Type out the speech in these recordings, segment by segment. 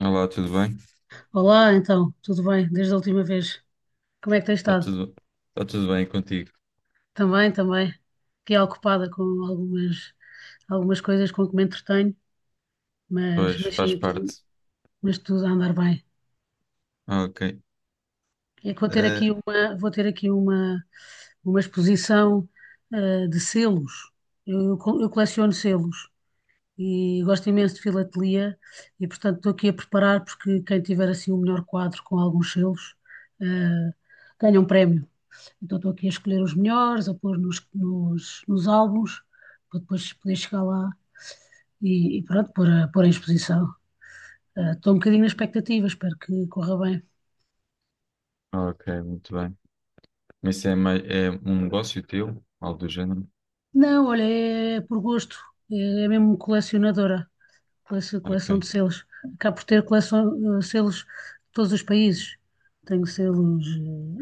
Olá, tudo bem? Olá, então, tudo bem? Desde a última vez, como é que tens Está estado? tudo, está tudo bem contigo? Também. Fiquei ocupada com algumas coisas com que me entretenho, mas, Pois, mas faz sim, parte. mas tudo a andar bem. Ok. É que Eh, vou ter aqui uma exposição, de selos. Eu coleciono selos e gosto imenso de filatelia e, portanto, estou aqui a preparar porque quem tiver assim o melhor quadro com alguns selos, eh, ganha um prémio. Então estou aqui a escolher os melhores, a pôr nos álbuns, para depois poder chegar lá e pronto, pôr em exposição. Estou um bocadinho na expectativa, espero que corra bem. ok, muito bem. Mas isso é, mais, é um negócio teu? Algo do género? Não, olha, é por gosto, é, é mesmo colecionadora, Ok, coleção de selos. Acabo por ter coleção, selos de todos os países. Tenho selos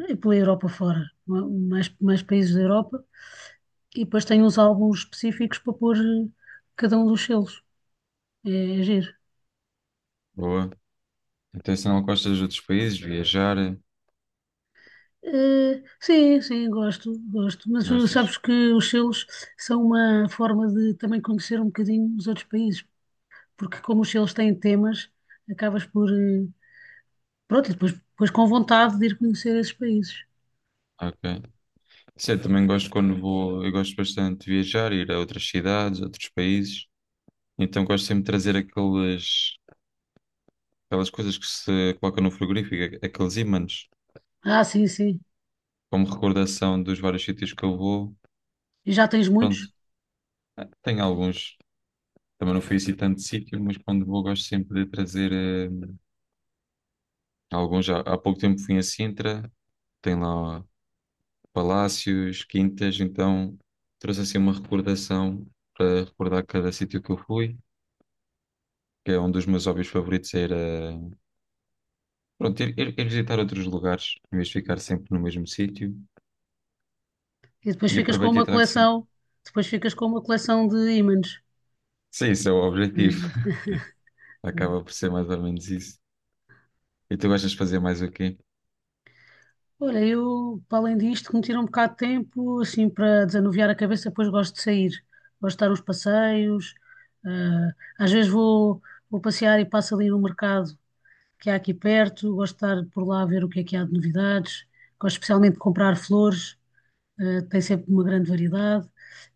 pela Europa fora, mais países da Europa, e depois tenho uns álbuns específicos para pôr cada um dos selos. É, é giro. boa. Então, se não gostas de outros países, viajar, Sim, sim, gosto. Mas sabes gostas? que os selos são uma forma de também conhecer um bocadinho os outros países, porque como os selos têm temas, acabas por, pronto, e depois, depois com vontade de ir conhecer esses países. Ok. Sim, eu também gosto quando vou, eu gosto bastante de viajar, ir a outras cidades, outros países. Então, gosto sempre de trazer aquelas, aquelas coisas que se colocam no frigorífico, aqueles ímãs, Ah, sim, sim. como recordação dos vários sítios que eu vou. E já tens Pronto, muitos, tenho alguns, também não fui assim tanto de sítio, mas quando vou gosto sempre de trazer alguns. Já há pouco tempo fui a Sintra, tem lá palácios, quintas, então trouxe assim uma recordação para recordar cada sítio que eu fui, que é um dos meus hobbies favoritos era pronto, ir, ir visitar outros lugares, em vez de ficar sempre no mesmo sítio, e depois e ficas com aproveito e uma trago sempre. coleção, depois ficas com uma coleção de ímãs. Sim, isso é o objetivo, É, é. acaba por ser mais ou menos isso. E tu gostas de fazer mais o quê? Olha, eu, para além disto, que me tira um bocado de tempo, assim, para desanuviar a cabeça, depois gosto de sair. Gosto de dar uns passeios. ah, Às vezes vou passear e passo ali no mercado que há aqui perto. Gosto de estar por lá a ver o que é que há de novidades. Gosto especialmente de comprar flores, tem sempre uma grande variedade.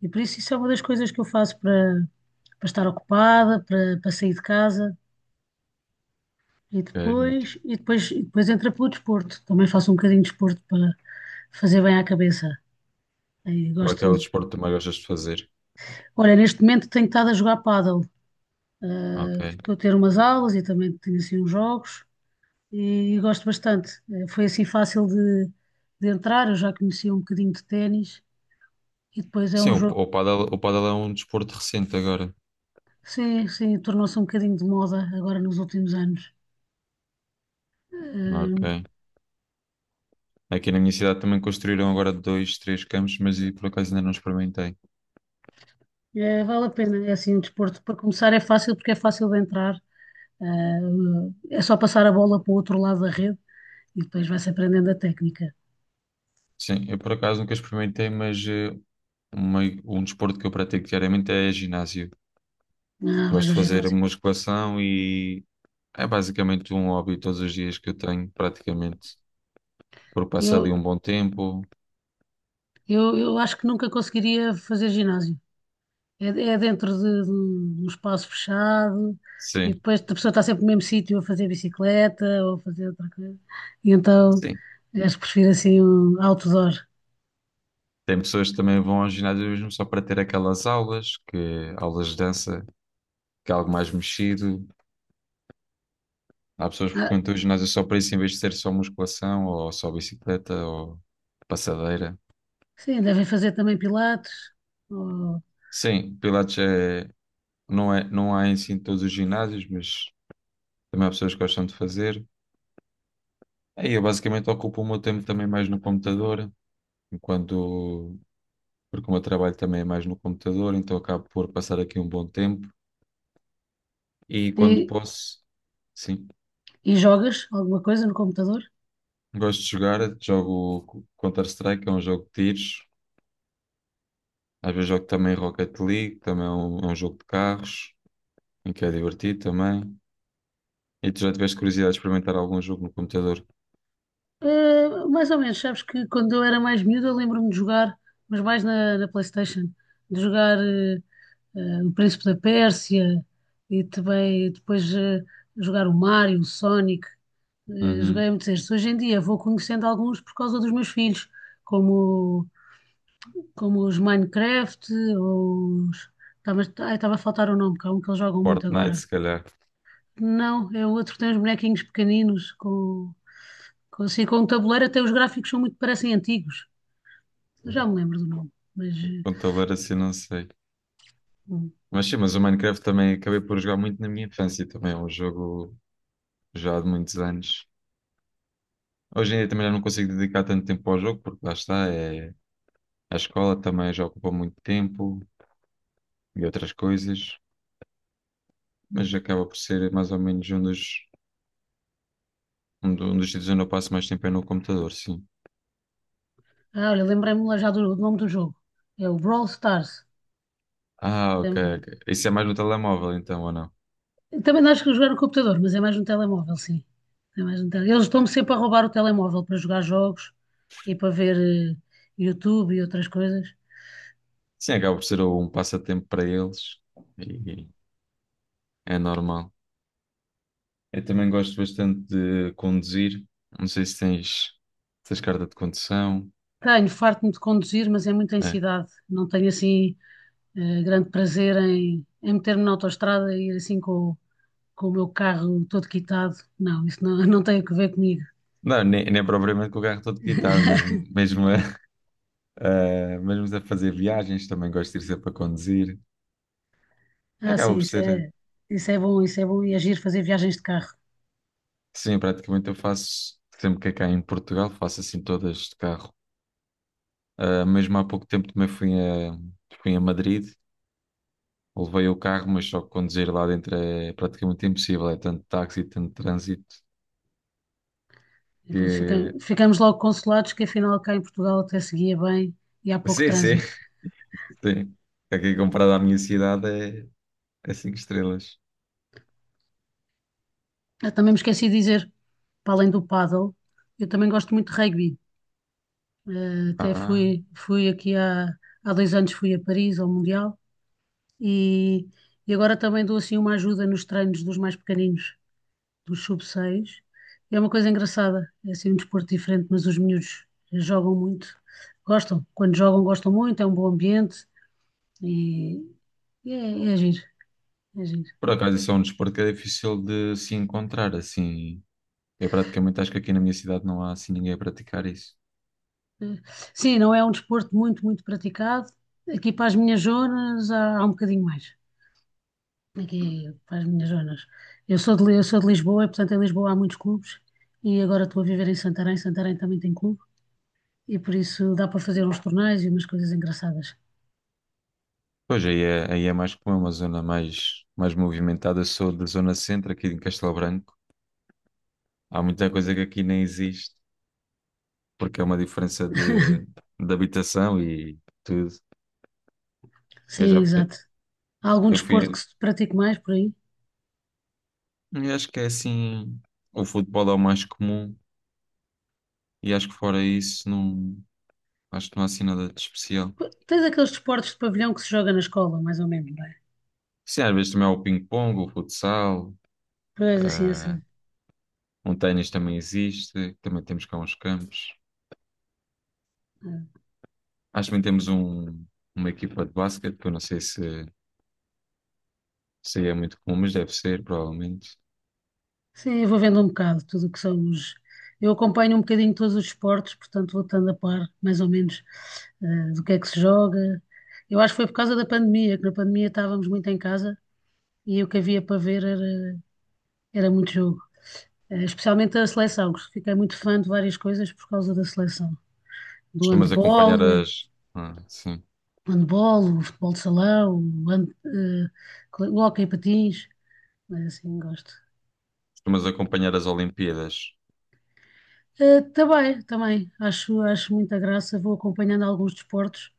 E por isso isso é uma das coisas que eu faço para estar ocupada, para sair de casa. E Ok, muito. Depois entra pelo desporto. Também faço um bocadinho de desporto para fazer bem à cabeça. Aí Qual é que gosto é o de- desporto que também gostas de fazer? Olha, neste momento tenho estado a jogar pádel. Ok. Estou a ter umas aulas e também tenho assim uns jogos e gosto bastante. Foi assim fácil de entrar, eu já conhecia um bocadinho de ténis e depois é Sim, um jogo, o pádel é um desporto recente agora. sim, sim, tornou-se um bocadinho de moda agora nos últimos anos. Eh, Ok. Aqui na minha cidade também construíram agora dois, três campos, mas eu, por acaso, ainda não experimentei. Vale a pena, é assim um desporto para começar é fácil porque é fácil de entrar. Ah, é só passar a bola para o outro lado da rede e depois vai-se aprendendo a técnica. Sim, eu por acaso nunca experimentei, mas um desporto que eu pratico diariamente é ginásio. Ah, vais Gosto ao de fazer ginásio. musculação e é basicamente um hobby todos os dias que eu tenho, praticamente. Porque passo ali Eu, um bom tempo. Eu acho que nunca conseguiria fazer ginásio. É, é de um espaço fechado e Sim, depois a pessoa está sempre no mesmo sítio a fazer bicicleta ou a fazer outra coisa. E então sim. acho que prefiro assim um outdoor. Tem pessoas que também vão ao ginásio mesmo só para ter aquelas aulas, que aulas de dança, que é algo mais mexido. Há pessoas que Ah, frequentam o ginásio só para isso, em vez de ser só musculação ou só bicicleta ou passadeira. sim, devem fazer também pilates ou- Sim, pilates é, não há em si em todos os ginásios, mas também há pessoas que gostam de fazer. Aí eu basicamente ocupo o meu tempo também mais no computador, enquanto, porque o meu trabalho também é mais no computador, então acabo por passar aqui um bom tempo. E quando e, posso, sim, e jogas alguma coisa no computador. gosto de jogar, jogo Counter-Strike, é um jogo de tiros. Às vezes jogo também Rocket League, também é um jogo de carros, em que é divertido também. E tu já tiveste curiosidade de experimentar algum jogo no computador? Mais ou menos, sabes que quando eu era mais miúdo eu lembro-me de jogar, mas mais na PlayStation, de jogar o Príncipe da Pérsia e também depois jogar o Mario, o Sonic, joguei Uhum. muitos estes. Hoje em dia vou conhecendo alguns por causa dos meus filhos, como, como os Minecraft, ou os... Estava, ai, estava a faltar o nome, que há um que eles jogam muito Fortnite, agora. se calhar. Não, é o outro que tem os bonequinhos pequeninos assim, com um tabuleiro, até os gráficos são muito, parecem antigos. Já me lembro do nome, mas. Computador assim, não sei. hum, Mas sim, mas o Minecraft também acabei por jogar muito na minha infância. Também é um jogo já de muitos anos. Hoje em dia também já não consigo dedicar tanto tempo ao jogo, porque lá está, é... a escola também já ocupa muito tempo e outras coisas. Mas acaba por ser mais ou menos um dos, um dos sítios onde eu passo mais tempo é no computador, sim. Ah, olha, lembrei-me já do nome do jogo. É o Brawl Stars. Ah, É- ok, é- ok. Isso é mais no telemóvel, então, ou não? Também acho que jogar no computador, mas é mais no telemóvel, sim. É mais no tele- Eles estão-me sempre a roubar o telemóvel para jogar jogos e para ver YouTube e outras coisas. Sim, acaba por ser um passatempo para eles e é normal. Eu também gosto bastante de conduzir. Não sei se tens, se tens carta de condução. Tenho, farto-me de conduzir, mas é muito em É. cidade. Não tenho assim grande prazer em meter-me na autoestrada e ir assim com o meu carro todo quitado. Não, isso não, não tem a ver comigo. Não, nem, nem propriamente com o carro todo quitado, mas mesmo a, mesmo a fazer viagens, também gosto de ir sempre a conduzir. Ah, Acaba sim, por isso ser, é, isso é bom, isso é bom e agir fazer viagens de carro. sim, praticamente eu faço sempre que é cá em Portugal, faço assim todas de carro. Ah, mesmo há pouco tempo também fui a, fui a Madrid. Levei o carro, mas só que conduzir lá dentro é praticamente impossível. É tanto táxi, tanto trânsito E depois fica- que. ficamos logo consolados que afinal cá em Portugal até seguia bem e há pouco Sim, sim, trânsito. sim. Aqui comparado à minha cidade é, é cinco estrelas. Eu também me esqueci de dizer, para além do paddle, eu também gosto muito de rugby. Ah, Fui aqui há 2 anos fui a Paris ao Mundial e, e agora também dou assim uma ajuda nos treinos dos mais pequeninos, dos sub-6. É uma coisa engraçada, é assim um desporto diferente, mas os miúdos jogam muito, gostam, quando jogam gostam muito, é um bom ambiente e, e é giro, é giro. por acaso isso é um desporto que é difícil de se encontrar assim. Eu praticamente acho que aqui na minha cidade não há assim ninguém a praticar isso. Sim, não é um desporto muito praticado. Aqui para as minhas zonas há um bocadinho mais. Aqui para as minhas zonas. Eu sou de Lisboa e, portanto, em Lisboa há muitos clubes. E agora estou a viver em Santarém. Santarém também tem clube. E por isso dá para fazer uns torneios e umas coisas engraçadas. Pois aí é mais como é uma zona mais, mais movimentada. Eu sou da zona centro aqui em Castelo Branco. Há muita coisa que aqui nem existe, porque é uma diferença de habitação e tudo. Eu Sim, já, exato. Há algum eu fui, desporto que se pratique mais por aí? eu acho que é assim, o futebol é o mais comum e acho que fora isso não, acho que não há assim nada de especial. Pô, tens aqueles desportos de pavilhão que se joga na escola, mais ou menos, não é? Sim, às vezes também há o ping-pong, o futsal, Pois assim, eh, assim. um ténis também existe, também temos cá uns campos. eh, Acho que também temos um, uma equipa de basquete, que eu não sei se, se aí é muito comum, mas deve ser, provavelmente. Sim, eu vou vendo um bocado tudo o que são os. Eu acompanho um bocadinho todos os esportes, portanto vou estando a par, mais ou menos, do que é que se joga. Eu acho que foi por causa da pandemia, que na pandemia estávamos muito em casa e o que havia para ver era muito jogo. Especialmente a seleção, que fiquei muito fã de várias coisas por causa da seleção. Do Costumas acompanhar handball, eh, as, ah, sim, o handball, o futebol de salão, o, hand, eh, o hóquei em patins, mas assim gosto. costumas acompanhar as Olimpíadas. Também, acho muita graça, vou acompanhando alguns desportos,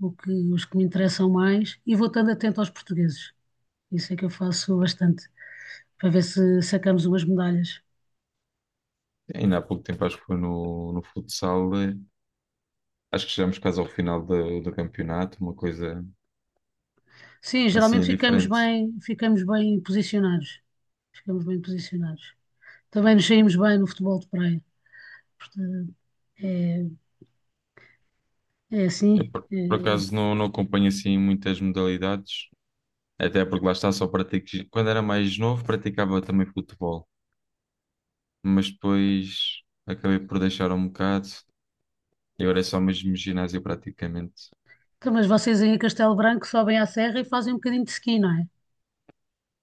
os que me interessam mais, e vou estando atento aos portugueses. Isso é que eu faço bastante, para ver se sacamos umas medalhas. Ainda há pouco tempo acho que foi no, no futsal acho que chegamos quase ao final do, do campeonato, uma coisa Sim, geralmente assim diferente. Ficamos bem posicionados. Ficamos bem posicionados. Também nos saímos bem no futebol de praia. Portanto, é, é Eu, assim, por é acaso, não, não acompanho assim muitas modalidades, até porque lá está, só pratico. Quando era mais novo, praticava também futebol, mas depois acabei por deixar um bocado e agora é só mesmo ginásio praticamente. Então, mas vocês aí em Castelo Branco sobem à serra e fazem um bocadinho de ski, não é?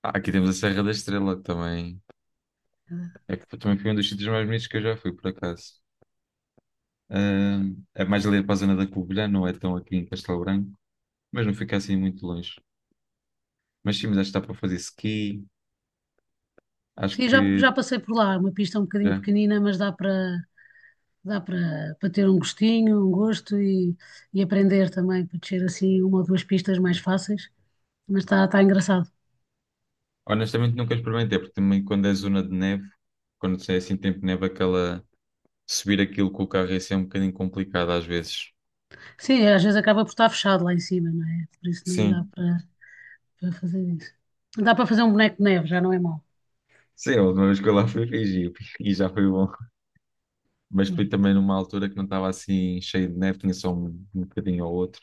Ah, aqui temos a Serra da Estrela que também. É que também foi um dos sítios mais bonitos que eu já fui, por acaso. Ah, é mais ali para a zona da Covilhã, não é tão aqui em Castelo Branco, mas não fica assim muito longe. Mas sim, mas acho que dá para fazer ski, acho Sim, já, já que passei por lá, é uma pista um bocadinho já. pequenina, mas dá para dá para ter um gostinho, um gosto e aprender também, para descer assim uma ou duas pistas mais fáceis, mas está tá engraçado. Honestamente nunca experimentei, porque também quando é zona de neve, quando é assim tempo de neve, aquela subir aquilo com o carro é ser um bocadinho complicado às vezes. Sim, às vezes acaba por estar fechado lá em cima, não é? Por isso nem dá Sim. para para fazer isso. Dá para fazer um boneco de neve, já não é mau. Sim, a última vez que eu lá fui fiz e já foi bom. Mas fui também numa altura que não estava assim cheio de neve, tinha só um, um bocadinho ou outro.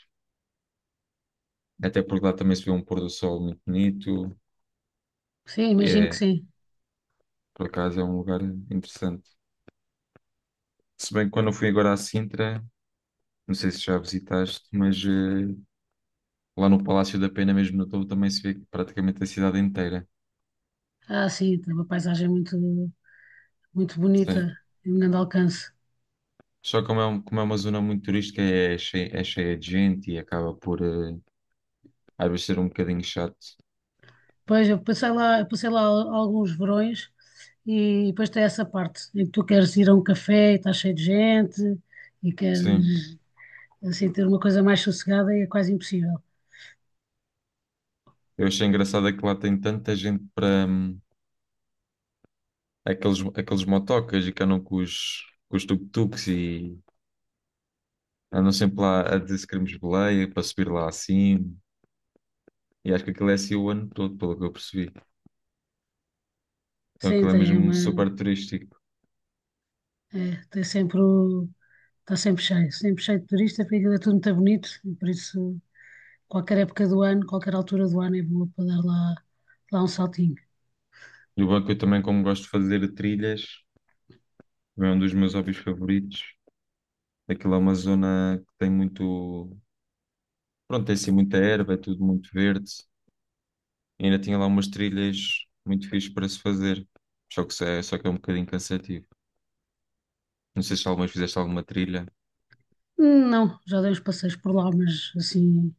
Até porque lá também se vê um pôr do sol muito bonito. Sim, E imagino que é, sim. por acaso é um lugar interessante. Se bem que quando eu fui agora à Sintra, não sei se já visitaste, mas lá no Palácio da Pena, mesmo no topo, também se vê praticamente a cidade inteira. Ah, sim, tem uma paisagem muito Sim. bonita, em grande alcance. Só como é, como é uma zona muito turística, é cheia de gente e acaba por às vezes ser um bocadinho chato. Pois, eu passei lá alguns verões e depois tem essa parte em que tu queres ir a um café e estás cheio de gente e Sim. queres assim ter uma coisa mais sossegada e é quase impossível. Eu achei engraçado é que lá tem tanta gente para aqueles, aqueles motocas e que andam com os tuk-tuks e andam sempre lá a dizer se queremos boleia para subir lá acima. E acho que aquilo é assim o ano todo, pelo que eu percebi. Então Sim, aquilo é tem mesmo uma, super turístico. é, tem sempre o, está sempre cheio de turistas, porque aquilo é tudo muito bonito e por isso qualquer época do ano, qualquer altura do ano é boa para dar lá, lá um saltinho. E o banco eu também, como gosto de fazer trilhas. Também é um dos meus hobbies favoritos. Aquilo é uma zona que tem muito. Pronto, tem assim muita erva, é tudo muito verde. E ainda tinha lá umas trilhas muito fixes para se fazer. Só que, é, só que é um bocadinho cansativo. Não sei se alguma vez fizeste alguma trilha. Não, já dei uns passeios por lá, mas assim,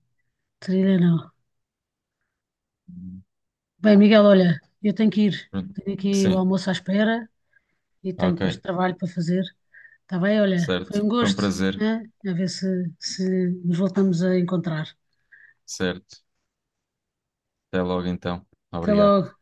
trilha não. Bem, Miguel, olha, eu tenho que ir. Pronto. Tenho aqui o Sim, almoço à espera e tenho ok, depois trabalho para fazer. Está bem? Olha, certo. foi um Foi um gosto, prazer, né? A ver se, se nos voltamos a encontrar. certo. Até logo então. Até Obrigado. logo.